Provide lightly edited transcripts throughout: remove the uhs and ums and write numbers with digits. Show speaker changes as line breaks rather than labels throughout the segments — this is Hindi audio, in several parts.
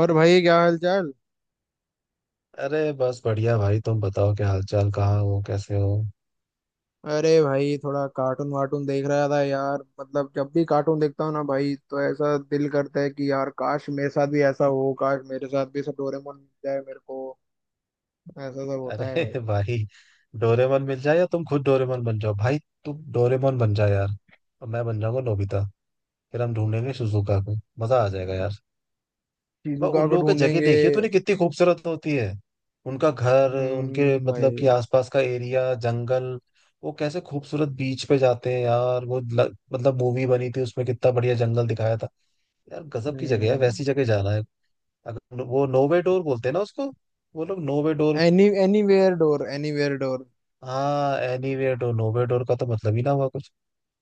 और भाई क्या हाल चाल।
अरे बस बढ़िया भाई। तुम बताओ क्या हालचाल। कहाँ हो कैसे हो?
अरे भाई थोड़ा कार्टून वार्टून देख रहा था यार, मतलब जब भी कार्टून देखता हूँ ना भाई, तो ऐसा दिल करता है कि यार काश मेरे साथ भी ऐसा हो, काश मेरे साथ भी सब डोरेमोन मिल जाए मेरे को। ऐसा सब होता है
अरे
भाई।
भाई। डोरेमोन मिल जाए या तुम खुद डोरेमोन बन जाओ भाई। तुम डोरेमोन बन जाओ यार। और मैं बन जाऊंगा नोबिता। फिर हम ढूंढेंगे सुजुका को। मजा आ जाएगा यार। मैं
शिजुका
उन
को
लोगों की जगह
ढूंढेंगे।
देखिए तूने कितनी खूबसूरत होती है। उनका घर उनके मतलब
भाई।
कि आसपास का एरिया जंगल। वो कैसे खूबसूरत बीच पे जाते हैं यार। वो मतलब मूवी बनी थी उसमें कितना बढ़िया जंगल दिखाया था। यार गजब की जगह है।
हम्म।
वैसी जगह जाना है। अगर वो नोवे डोर बोलते हैं ना उसको। वो लोग no way door.
Anywhere door, anywhere door.
हाँ एनीवेयर डोर। नोवे डोर का तो मतलब ही ना हुआ कुछ।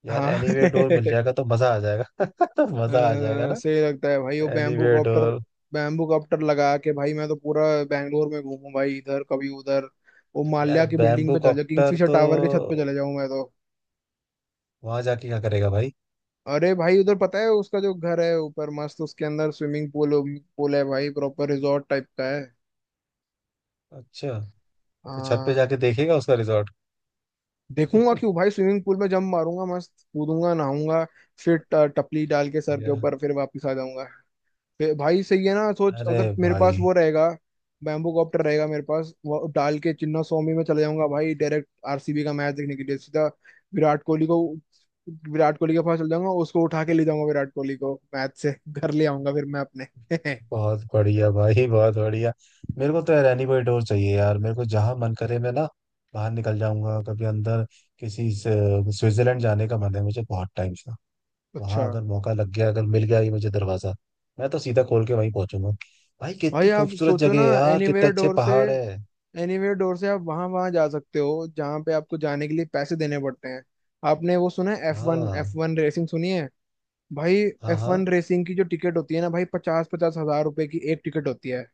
यार
हाँ
एनीवेयर डोर मिल जाएगा तो मजा आ जाएगा
अ,
मजा आ जाएगा ना।
सही लगता है भाई वो bamboo
anywhere
copter.
Door.
Bamboo copter लगा के भाई मैं तो पूरा बैंगलोर में घूमूं भाई, इधर कभी उधर। वो माल्या
यार
की बिल्डिंग
बैम्बू
पे चले जाऊँ,
कॉप्टर
किंगफिशर
तो
टावर के छत पे चले जाऊं मैं तो।
वहां जाके क्या करेगा भाई?
अरे भाई उधर पता है उसका जो घर है ऊपर मस्त, उसके अंदर स्विमिंग पूल, पूल है भाई, प्रॉपर रिजॉर्ट टाइप का है।
अच्छा। तो छत पे
हाँ।
जाके देखेगा उसका रिजॉर्ट।
देखूंगा क्यों भाई, स्विमिंग पूल में जंप मारूंगा मस्त, कूदूंगा नहाऊंगा। फिर टपली डाल के सर के
या
ऊपर, फिर वापस आ जाऊंगा। फिर भाई सही है ना, सोच
अरे
अगर मेरे पास
भाई।
वो रहेगा, बैम्बू कॉप्टर रहेगा मेरे पास, वो डाल के चिन्ना स्वामी में चले जाऊंगा भाई, डायरेक्ट आरसीबी का मैच देखने के लिए, सीधा विराट कोहली को, विराट कोहली के पास चल जाऊंगा, उसको उठा के ले जाऊंगा विराट कोहली को, मैच से घर ले आऊंगा फिर मैं अपने
बहुत बढ़िया भाई बहुत बढ़िया। मेरे को तो यार एनी कोई डोर चाहिए यार। मेरे को जहां मन करे मैं ना बाहर निकल जाऊंगा कभी अंदर। स्विट्जरलैंड जाने का मन है मुझे बहुत टाइम से।
अच्छा।
वहां अगर मौका लग गया अगर मिल गया ये मुझे दरवाजा। मैं तो सीधा खोल के वहीं पहुंचूंगा। भाई
भाई
कितनी
आप
खूबसूरत
सोचो
जगह
ना,
है यार। कितने
एनीवेयर
अच्छे
डोर से,
पहाड़ है।
एनीवेयर डोर से आप वहां वहां जा सकते हो जहां पे आपको जाने के लिए पैसे देने पड़ते हैं। आपने वो सुना है, एफ वन
हाँ।
एफ वन रेसिंग सुनी है? भाई
हाँ।
एफ
हाँ।
वन रेसिंग की जो टिकट होती है ना भाई, पचास पचास हजार रुपए की एक टिकट होती है।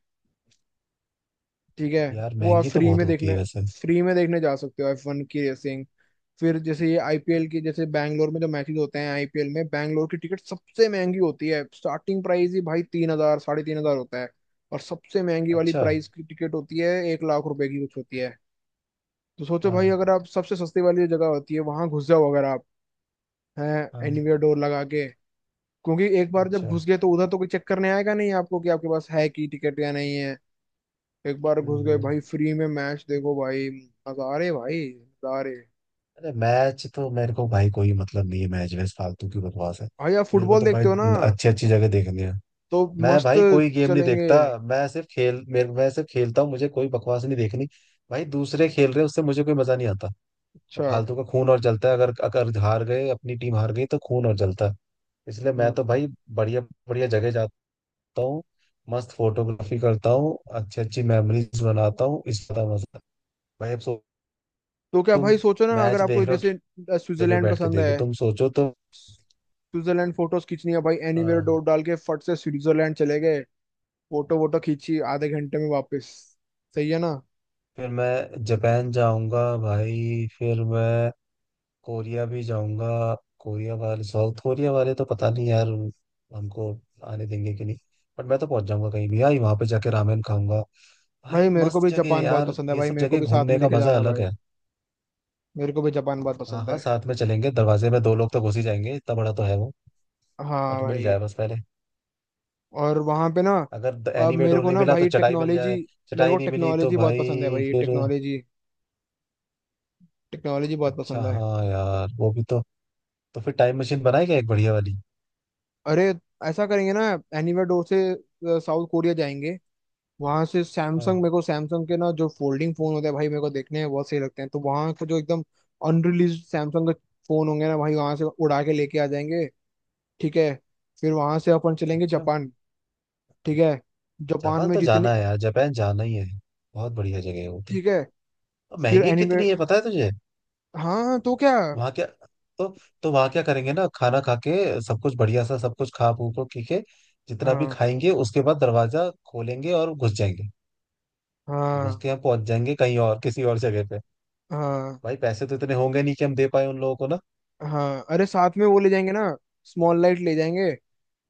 ठीक है।
यार
वो आप
महंगी तो बहुत होती है वैसे।
फ्री में देखने जा सकते हो एफ वन की रेसिंग। फिर जैसे ये आईपीएल की, जैसे बैंगलोर में जो मैचेस होते हैं आईपीएल में, बैंगलोर की टिकट सबसे महंगी होती है, स्टार्टिंग प्राइस ही भाई 3,000, 3,500 होता है। और सबसे महंगी वाली
अच्छा।
प्राइस की टिकट होती है ₹1,00,000 की कुछ होती है। तो सोचो भाई,
हाँ।
अगर आप सबसे सस्ती वाली जो जगह होती है वहां घुस जाओ, अगर आप हैं
हाँ।
एनीवेयर डोर लगा के। क्योंकि एक बार जब
अच्छा।
घुस गए तो उधर तो कोई चेक करने आएगा नहीं आपको कि आपके पास है की टिकट या नहीं है। एक बार घुस
हम्म।
गए
हम्म।
भाई, फ्री में मैच देखो भाई। नजारे भाई नजारे।
अरे मैच तो मेरे को भाई कोई मतलब नहीं है। मैच वैस फालतू की बकवास है।
भाई आप
मेरे को
फुटबॉल
तो भाई
देखते हो ना,
अच्छी अच्छी जगह देखनी है।
तो
मैं
मस्त
भाई कोई गेम नहीं
चलेंगे।
देखता। मैं सिर्फ खेलता हूँ। मुझे कोई बकवास नहीं देखनी। भाई दूसरे खेल रहे हैं उससे मुझे कोई मजा नहीं आता।
अच्छा।
फालतू का खून और जलता है। अगर अगर हार गए अपनी टीम हार गई तो खून और जलता है। इसलिए मैं तो
हाँ
भाई बढ़िया बढ़िया जगह जाता हूँ। मस्त फोटोग्राफी करता हूँ। अच्छी अच्छी मेमोरीज बनाता हूँ। इसका मजा भाई अब सो।
तो क्या
तुम
भाई, सोचो ना अगर
मैच
आपको
देख रहे हो।
जैसे
जगह
स्विट्जरलैंड
बैठ के
पसंद
देखो
है।
तुम सोचो तो।
स्विट्जरलैंड फोटोज खींचनी है भाई, एनीवेयर
हाँ।
डोर डाल के फट से स्विट्जरलैंड चले गए, फोटो वोटो खींची, आधे घंटे में वापस। सही है ना।
फिर मैं जापान जाऊंगा भाई। फिर मैं कोरिया भी जाऊंगा। कोरिया वाले साउथ कोरिया वाले तो पता नहीं यार। हमको आने देंगे कि नहीं। बट मैं तो पहुंच जाऊंगा कहीं भी भाई। वहां पे जाके रामेन खाऊंगा।
भाई
भाई
मेरे को
मस्त
भी
जगह है
जापान बहुत
यार।
पसंद है
ये
भाई,
सब
मेरे को
जगह
भी साथ
घूमने
में
का
लेके
मजा
जाना
अलग
भाई,
है।
मेरे को भी जापान बहुत
हाँ
पसंद
हाँ
है।
साथ में चलेंगे। दरवाजे में दो लोग तो घुस ही जाएंगे। इतना बड़ा तो है वो।
हाँ
बट मिल
भाई।
जाए बस पहले।
और वहाँ पे ना,
अगर
अब
एनीवे
मेरे
डोर
को
नहीं
ना
मिला तो
भाई
चटाई मिल
टेक्नोलॉजी,
जाए।
मेरे को
चटाई नहीं मिली तो
टेक्नोलॉजी बहुत पसंद है
भाई
भाई,
फिर।
टेक्नोलॉजी। टेक्नोलॉजी बहुत
अच्छा
पसंद है।
हाँ यार वो भी तो। तो फिर टाइम मशीन बनाए क्या एक बढ़िया वाली।
अरे ऐसा करेंगे ना, एनीवे डोर से साउथ कोरिया जाएंगे। वहां से
हाँ।
सैमसंग, मेरे को सैमसंग के ना जो फोल्डिंग फोन होते हैं भाई मेरे को देखने हैं, बहुत सही लगते हैं, तो वहाँ का जो एकदम अनरिलीज सैमसंग के फोन होंगे ना भाई, वहां से उड़ा के लेके आ जाएंगे। ठीक है। फिर वहां से अपन चलेंगे
अच्छा।
जापान। ठीक है। जापान
जापान
में
तो
जितनी,
जाना है यार। जापान जाना ही है। बहुत बढ़िया जगह है वो तो।
ठीक है,
और
फिर
महंगी
एनीवे।
कितनी है पता है तुझे?
हाँ तो क्या।
वहाँ क्या? तो तो वहाँ क्या करेंगे ना खाना खा के। सब कुछ बढ़िया सा सब कुछ खा पू को पी के। जितना भी
हाँ,
खाएंगे उसके बाद दरवाजा खोलेंगे और घुस जाएंगे। तो घुस
हाँ,
के हम पहुंच जाएंगे कहीं और किसी और जगह पे।
हाँ,
भाई पैसे तो इतने होंगे नहीं कि हम दे पाए उन लोगों को ना।
हाँ। अरे साथ में वो ले जाएंगे ना, स्मॉल लाइट ले जाएंगे।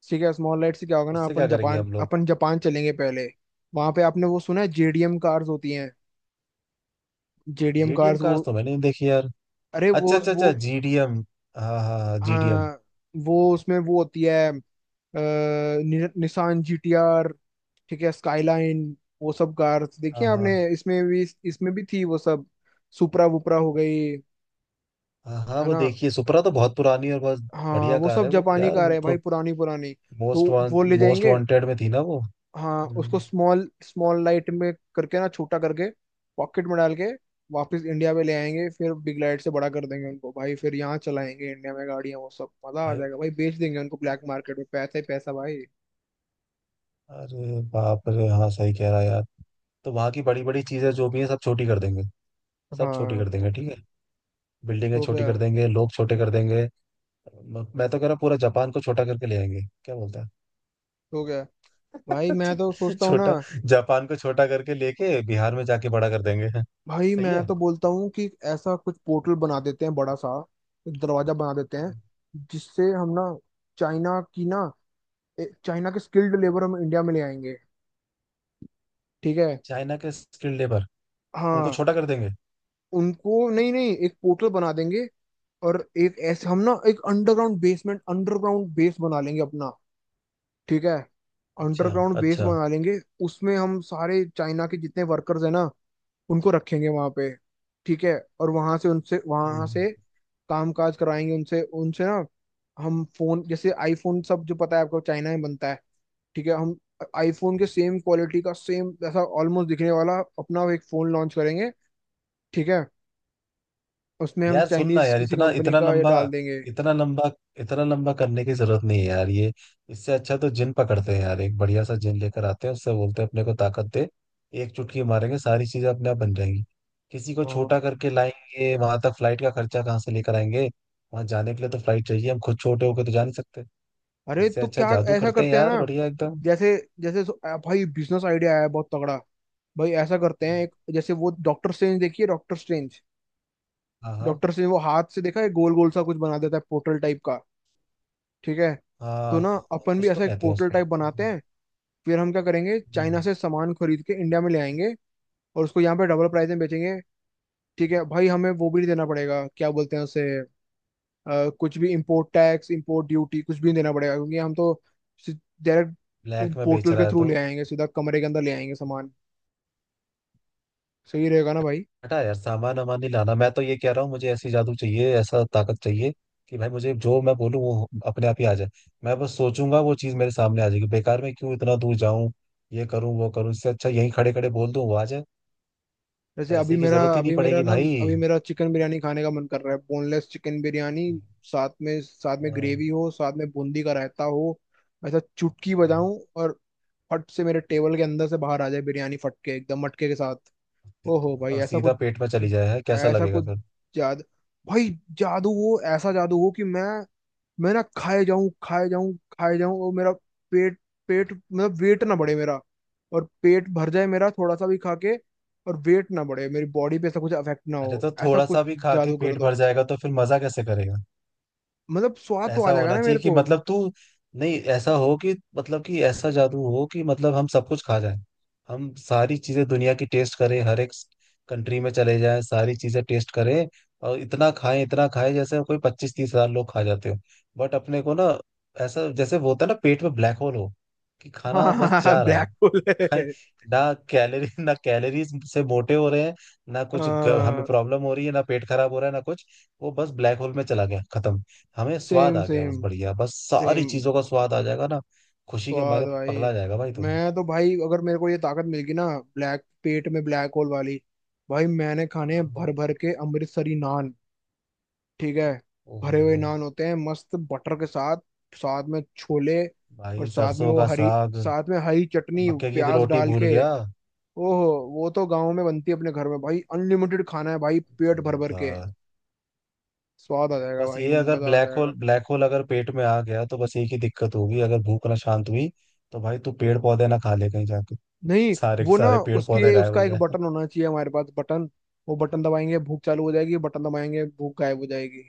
ठीक है, स्मॉल लाइट से क्या होगा ना,
उससे क्या करेंगे हम लोग?
अपन जापान चलेंगे पहले। वहां पे आपने वो सुना है, जेडीएम कार्स होती हैं, जेडीएम
जीडीएम
कार्स
कार्स
वो,
तो मैंने नहीं देखी यार।
अरे वो
अच्छा अच्छा अच्छा जीडीएम। हाँ हाँ जीडीएम।
हाँ। वो उसमें वो होती है निसान जीटीआर, ठीक है, स्काईलाइन। वो सब कार्स देखी
हाँ
हैं
हाँ
आपने, इसमें भी, इसमें भी थी वो सब, सुपरा वुपरा हो गई,
हाँ हाँ,
है
वो
ना।
देखिए सुपरा तो बहुत पुरानी और बहुत
हाँ
बढ़िया
वो
कार
सब
है वो
जापानी
यार
कार
वो
है भाई,
तो।
पुरानी पुरानी। तो वो ले
मोस्ट
जाएंगे।
वांटेड में थी ना वो।
हाँ,
हम्म,
उसको स्मॉल स्मॉल लाइट में करके ना छोटा करके, पॉकेट में डाल के वापस इंडिया में ले आएंगे, फिर बिग लाइट से बड़ा कर देंगे उनको भाई, फिर यहाँ चलाएंगे इंडिया में गाड़ियाँ, वो सब मजा आ
भाई
जाएगा भाई, बेच देंगे उनको ब्लैक मार्केट में, पैसा ही पैसा भाई।
अरे बाप रे। हाँ सही कह रहा है यार। तो वहाँ की बड़ी बड़ी चीजें जो भी हैं सब छोटी कर देंगे। सब छोटी कर
हाँ।
देंगे ठीक है। बिल्डिंगें
तो
छोटी
क्या
कर देंगे। लोग छोटे कर देंगे। मैं तो कह रहा हूँ पूरा जापान को छोटा करके ले आएंगे। क्या बोलता है
तो क्या भाई, मैं तो सोचता हूँ ना,
छोटा। जापान को छोटा करके लेके बिहार में जाके बड़ा कर देंगे।
भाई
सही
मैं
है।
तो बोलता हूँ कि ऐसा कुछ पोर्टल बना देते हैं बड़ा सा, एक दरवाजा बना देते हैं जिससे हम ना, चाइना की ना, चाइना के स्किल्ड लेबर हम इंडिया में ले आएंगे। ठीक है।
चाइना के स्किल्ड लेबर। उनको
हाँ।
छोटा कर देंगे।
उनको नहीं नहीं, एक पोर्टल बना देंगे, और एक ऐसे हम ना, एक अंडरग्राउंड बेसमेंट, अंडरग्राउंड बेस बना लेंगे अपना। ठीक है।
अच्छा
अंडरग्राउंड बेस
अच्छा।
बना लेंगे, उसमें हम सारे चाइना के जितने वर्कर्स हैं ना, उनको रखेंगे वहां पे। ठीक है। और वहां
हम्म।
से काम काज कराएंगे उनसे, उनसे ना हम फोन, जैसे आईफोन सब जो पता है आपको चाइना में बनता है। ठीक है, हम आईफोन के सेम क्वालिटी का, सेम ऐसा ऑलमोस्ट दिखने वाला अपना एक फोन लॉन्च करेंगे। ठीक है। उसमें हम
यार सुन ना
चाइनीज
यार
किसी
इतना
कंपनी
इतना
का ये
लंबा
डाल देंगे।
इतना लंबा इतना लंबा करने की जरूरत नहीं है यार ये। इससे अच्छा तो जिन पकड़ते हैं यार एक बढ़िया सा जिन लेकर आते हैं उससे बोलते हैं अपने को ताकत दे। एक चुटकी मारेंगे सारी चीजें अपने आप बन जाएंगी। किसी को
हाँ।
छोटा करके लाएंगे वहां तक फ्लाइट का खर्चा कहाँ से लेकर आएंगे। वहां जाने के लिए तो फ्लाइट चाहिए। हम खुद छोटे होके तो जा नहीं सकते।
अरे
इससे
तो
अच्छा
क्या
जादू
ऐसा
करते हैं
करते हैं
यार
ना,
बढ़िया एकदम।
जैसे जैसे भाई बिजनेस आइडिया आया है बहुत तगड़ा। भाई ऐसा करते हैं, एक जैसे वो डॉक्टर स्ट्रेंज, देखिए
हाँ। हाँ।
डॉक्टर स्ट्रेंज वो हाथ से देखा है, गोल गोल सा कुछ बना देता है, पोर्टल टाइप का। ठीक है। तो
हाँ।
ना अपन भी
कुछ तो
ऐसा एक
कहते हैं
पोर्टल
उसको।
टाइप बनाते हैं, फिर हम क्या करेंगे, चाइना
हम्म।
से सामान खरीद के इंडिया में ले आएंगे और उसको यहाँ पे डबल प्राइस में बेचेंगे। ठीक है भाई, हमें वो भी नहीं देना पड़ेगा, क्या बोलते हैं उसे, कुछ भी इम्पोर्ट टैक्स, इम्पोर्ट ड्यूटी कुछ भी नहीं देना पड़ेगा, क्योंकि हम तो डायरेक्ट
ब्लैक में बेच
पोर्टल के
रहा है
थ्रू
तो।
ले आएंगे सीधा, कमरे के अंदर ले आएंगे सामान। सही रहेगा ना भाई।
हटा यार सामान वामान नहीं लाना। मैं तो ये कह रहा हूँ मुझे ऐसी जादू चाहिए ऐसा ताकत चाहिए कि भाई मुझे जो मैं बोलूँ वो अपने आप ही आ जाए। मैं बस सोचूंगा वो चीज मेरे सामने आ जाएगी। बेकार में क्यों इतना दूर जाऊं। ये करूं वो करूं। इससे अच्छा यहीं खड़े खड़े बोल दूं वो आ जाए।
जैसे
पैसे की जरूरत ही नहीं पड़ेगी भाई।
अभी मेरा चिकन बिरयानी खाने का मन कर रहा है, बोनलेस चिकन बिरयानी, साथ में
हाँ।
ग्रेवी हो, साथ में बूंदी का रायता हो, ऐसा चुटकी
हाँ।
बजाऊं और फट से मेरे टेबल के अंदर से बाहर आ जाए बिरयानी, फट के एकदम मटके के साथ। ओहो भाई
और
ऐसा
सीधा
कुछ,
पेट में चली जाए है कैसा
ऐसा
लगेगा
कुछ
फिर?
जादू भाई, जादू, वो ऐसा जादू हो कि मैं ना खाए जाऊं, खाए जाऊं, खाए जाऊं, और मेरा पेट पेट मतलब वेट ना बढ़े मेरा, और पेट भर जाए मेरा थोड़ा सा भी खा के, और वेट ना बढ़े, मेरी बॉडी पे ऐसा कुछ अफेक्ट ना
अरे
हो,
तो
ऐसा
थोड़ा
कुछ
सा भी खा के
जादू कर
पेट
दो,
भर जाएगा तो फिर मजा कैसे करेगा?
मतलब स्वाद तो आ
ऐसा
जाएगा
होना
ना मेरे
चाहिए कि
को
मतलब तू। नहीं ऐसा हो कि मतलब कि ऐसा जादू हो कि मतलब हम सब कुछ खा जाएं। हम सारी चीजें दुनिया की टेस्ट करें। हर एक कंट्री में चले जाएं। सारी चीजें टेस्ट करें। और इतना खाएं जैसे कोई 25-30 हजार लोग खा जाते हो। बट अपने को ना ऐसा जैसे वो होता है ना पेट में ब्लैक होल हो। कि खाना बस
हाँ
जा रहा है।
ब्लैक होल
खाएं
है।
ना कैलोरी ना कैलोरीज से मोटे हो रहे हैं। ना कुछ हमें
हाँ।
प्रॉब्लम हो रही है ना पेट खराब हो रहा है ना कुछ। वो बस ब्लैक होल में चला गया खत्म। हमें स्वाद
सेम,
आ गया। बस
सेम,
बढ़िया। बस सारी
सेम।
चीजों का स्वाद आ जाएगा ना। खुशी के
स्वाद
मारे
भाई।
पगला जाएगा भाई तुम।
मैं तो भाई, अगर मेरे को ये ताकत मिल गई ना, ब्लैक, पेट में ब्लैक होल वाली, भाई मैंने खाने हैं
हाँ।
भर भर के अमृतसरी नान। ठीक है। भरे हुए
ओहो
नान होते हैं मस्त, बटर के साथ, साथ में छोले, और
भाई
साथ में
सरसों
वो
का
हरी,
साग।
साथ में हरी चटनी
मक्के की
प्याज
रोटी
डाल
भूल
के।
गया।
ओहो। वो तो गाँव में बनती है अपने घर में भाई, अनलिमिटेड खाना है भाई पेट भर भर के,
जोरदार।
स्वाद आ जाएगा
बस
भाई,
ये अगर
मजा आ
ब्लैक
जाएगा।
होल ब्लैक होल अगर पेट में आ गया तो बस एक ही दिक्कत होगी अगर भूख ना शांत हुई। तो भाई तू पेड़ पौधे ना खा ले कहीं जाके।
नहीं
सारे के
वो ना,
सारे पेड़ पौधे
उसकी,
गायब
उसका
हो
एक
जाए।
बटन होना चाहिए हमारे पास, बटन। वो बटन दबाएंगे भूख चालू हो जाएगी, बटन दबाएंगे भूख गायब हो जाएगी।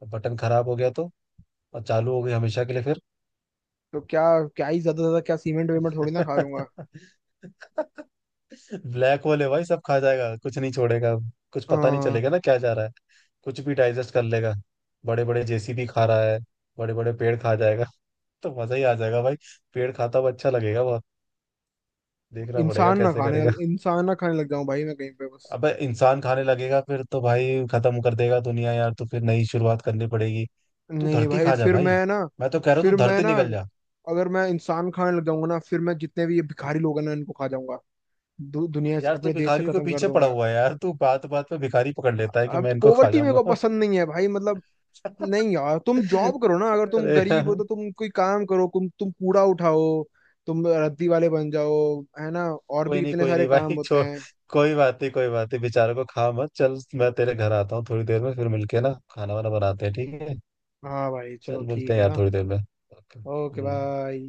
तो बटन खराब हो गया तो और चालू हो गई हमेशा के लिए फिर।
तो क्या, क्या ही ज्यादा, ज्यादा क्या सीमेंट वेमेंट थोड़ी ना खा लूंगा।
ब्लैक होल है भाई सब खा जाएगा कुछ नहीं छोड़ेगा। कुछ पता नहीं
आ,
चलेगा ना क्या जा रहा है। कुछ भी डाइजेस्ट कर लेगा। बड़े बड़े जेसीबी खा रहा है। बड़े बड़े पेड़ खा जाएगा तो मजा ही आ जाएगा भाई। पेड़ खाता हुआ अच्छा लगेगा बहुत। देखना पड़ेगा
इंसान ना
कैसे
खाने
करेगा।
लग इंसान ना खाने लग जाऊं भाई मैं कहीं पे बस।
अबे इंसान खाने लगेगा फिर तो भाई खत्म कर देगा दुनिया यार। तो फिर नई शुरुआत करनी पड़ेगी। तू
नहीं
धरती
भाई,
खा जा भाई। मैं तो कह रहा हूँ तू
फिर मैं
धरती
ना
निकल जा।
अगर मैं इंसान खाने लग जाऊंगा ना, फिर मैं जितने भी ये भिखारी लोग हैं ना, इनको खा जाऊंगा, दुनिया से,
यार तू
अपने देश से
भिखारियों के
खत्म कर
पीछे पड़ा
दूंगा।
हुआ है यार। तू बात बात पे भिखारी पकड़ लेता है कि
अब
मैं इनको खा
पोवर्टी मेरे
जाऊंगा।
को पसंद नहीं है भाई, मतलब। नहीं यार, तुम जॉब करो ना, अगर तुम
अरे
गरीब हो
यार,
तो तुम कोई काम करो, तुम कूड़ा उठाओ, तुम रद्दी वाले बन जाओ, है ना। और भी इतने
कोई
सारे
नहीं भाई
काम होते
छोड़।
हैं।
कोई बात नहीं कोई बात नहीं। बेचारों को खा मत। चल मैं तेरे घर आता हूँ थोड़ी देर में फिर मिलके ना खाना वाना बनाते हैं ठीक है।
हाँ भाई, चलो
चल मिलते
ठीक
हैं
है
यार
ना।
थोड़ी देर में ओके
ओके
हम्म।
बाय।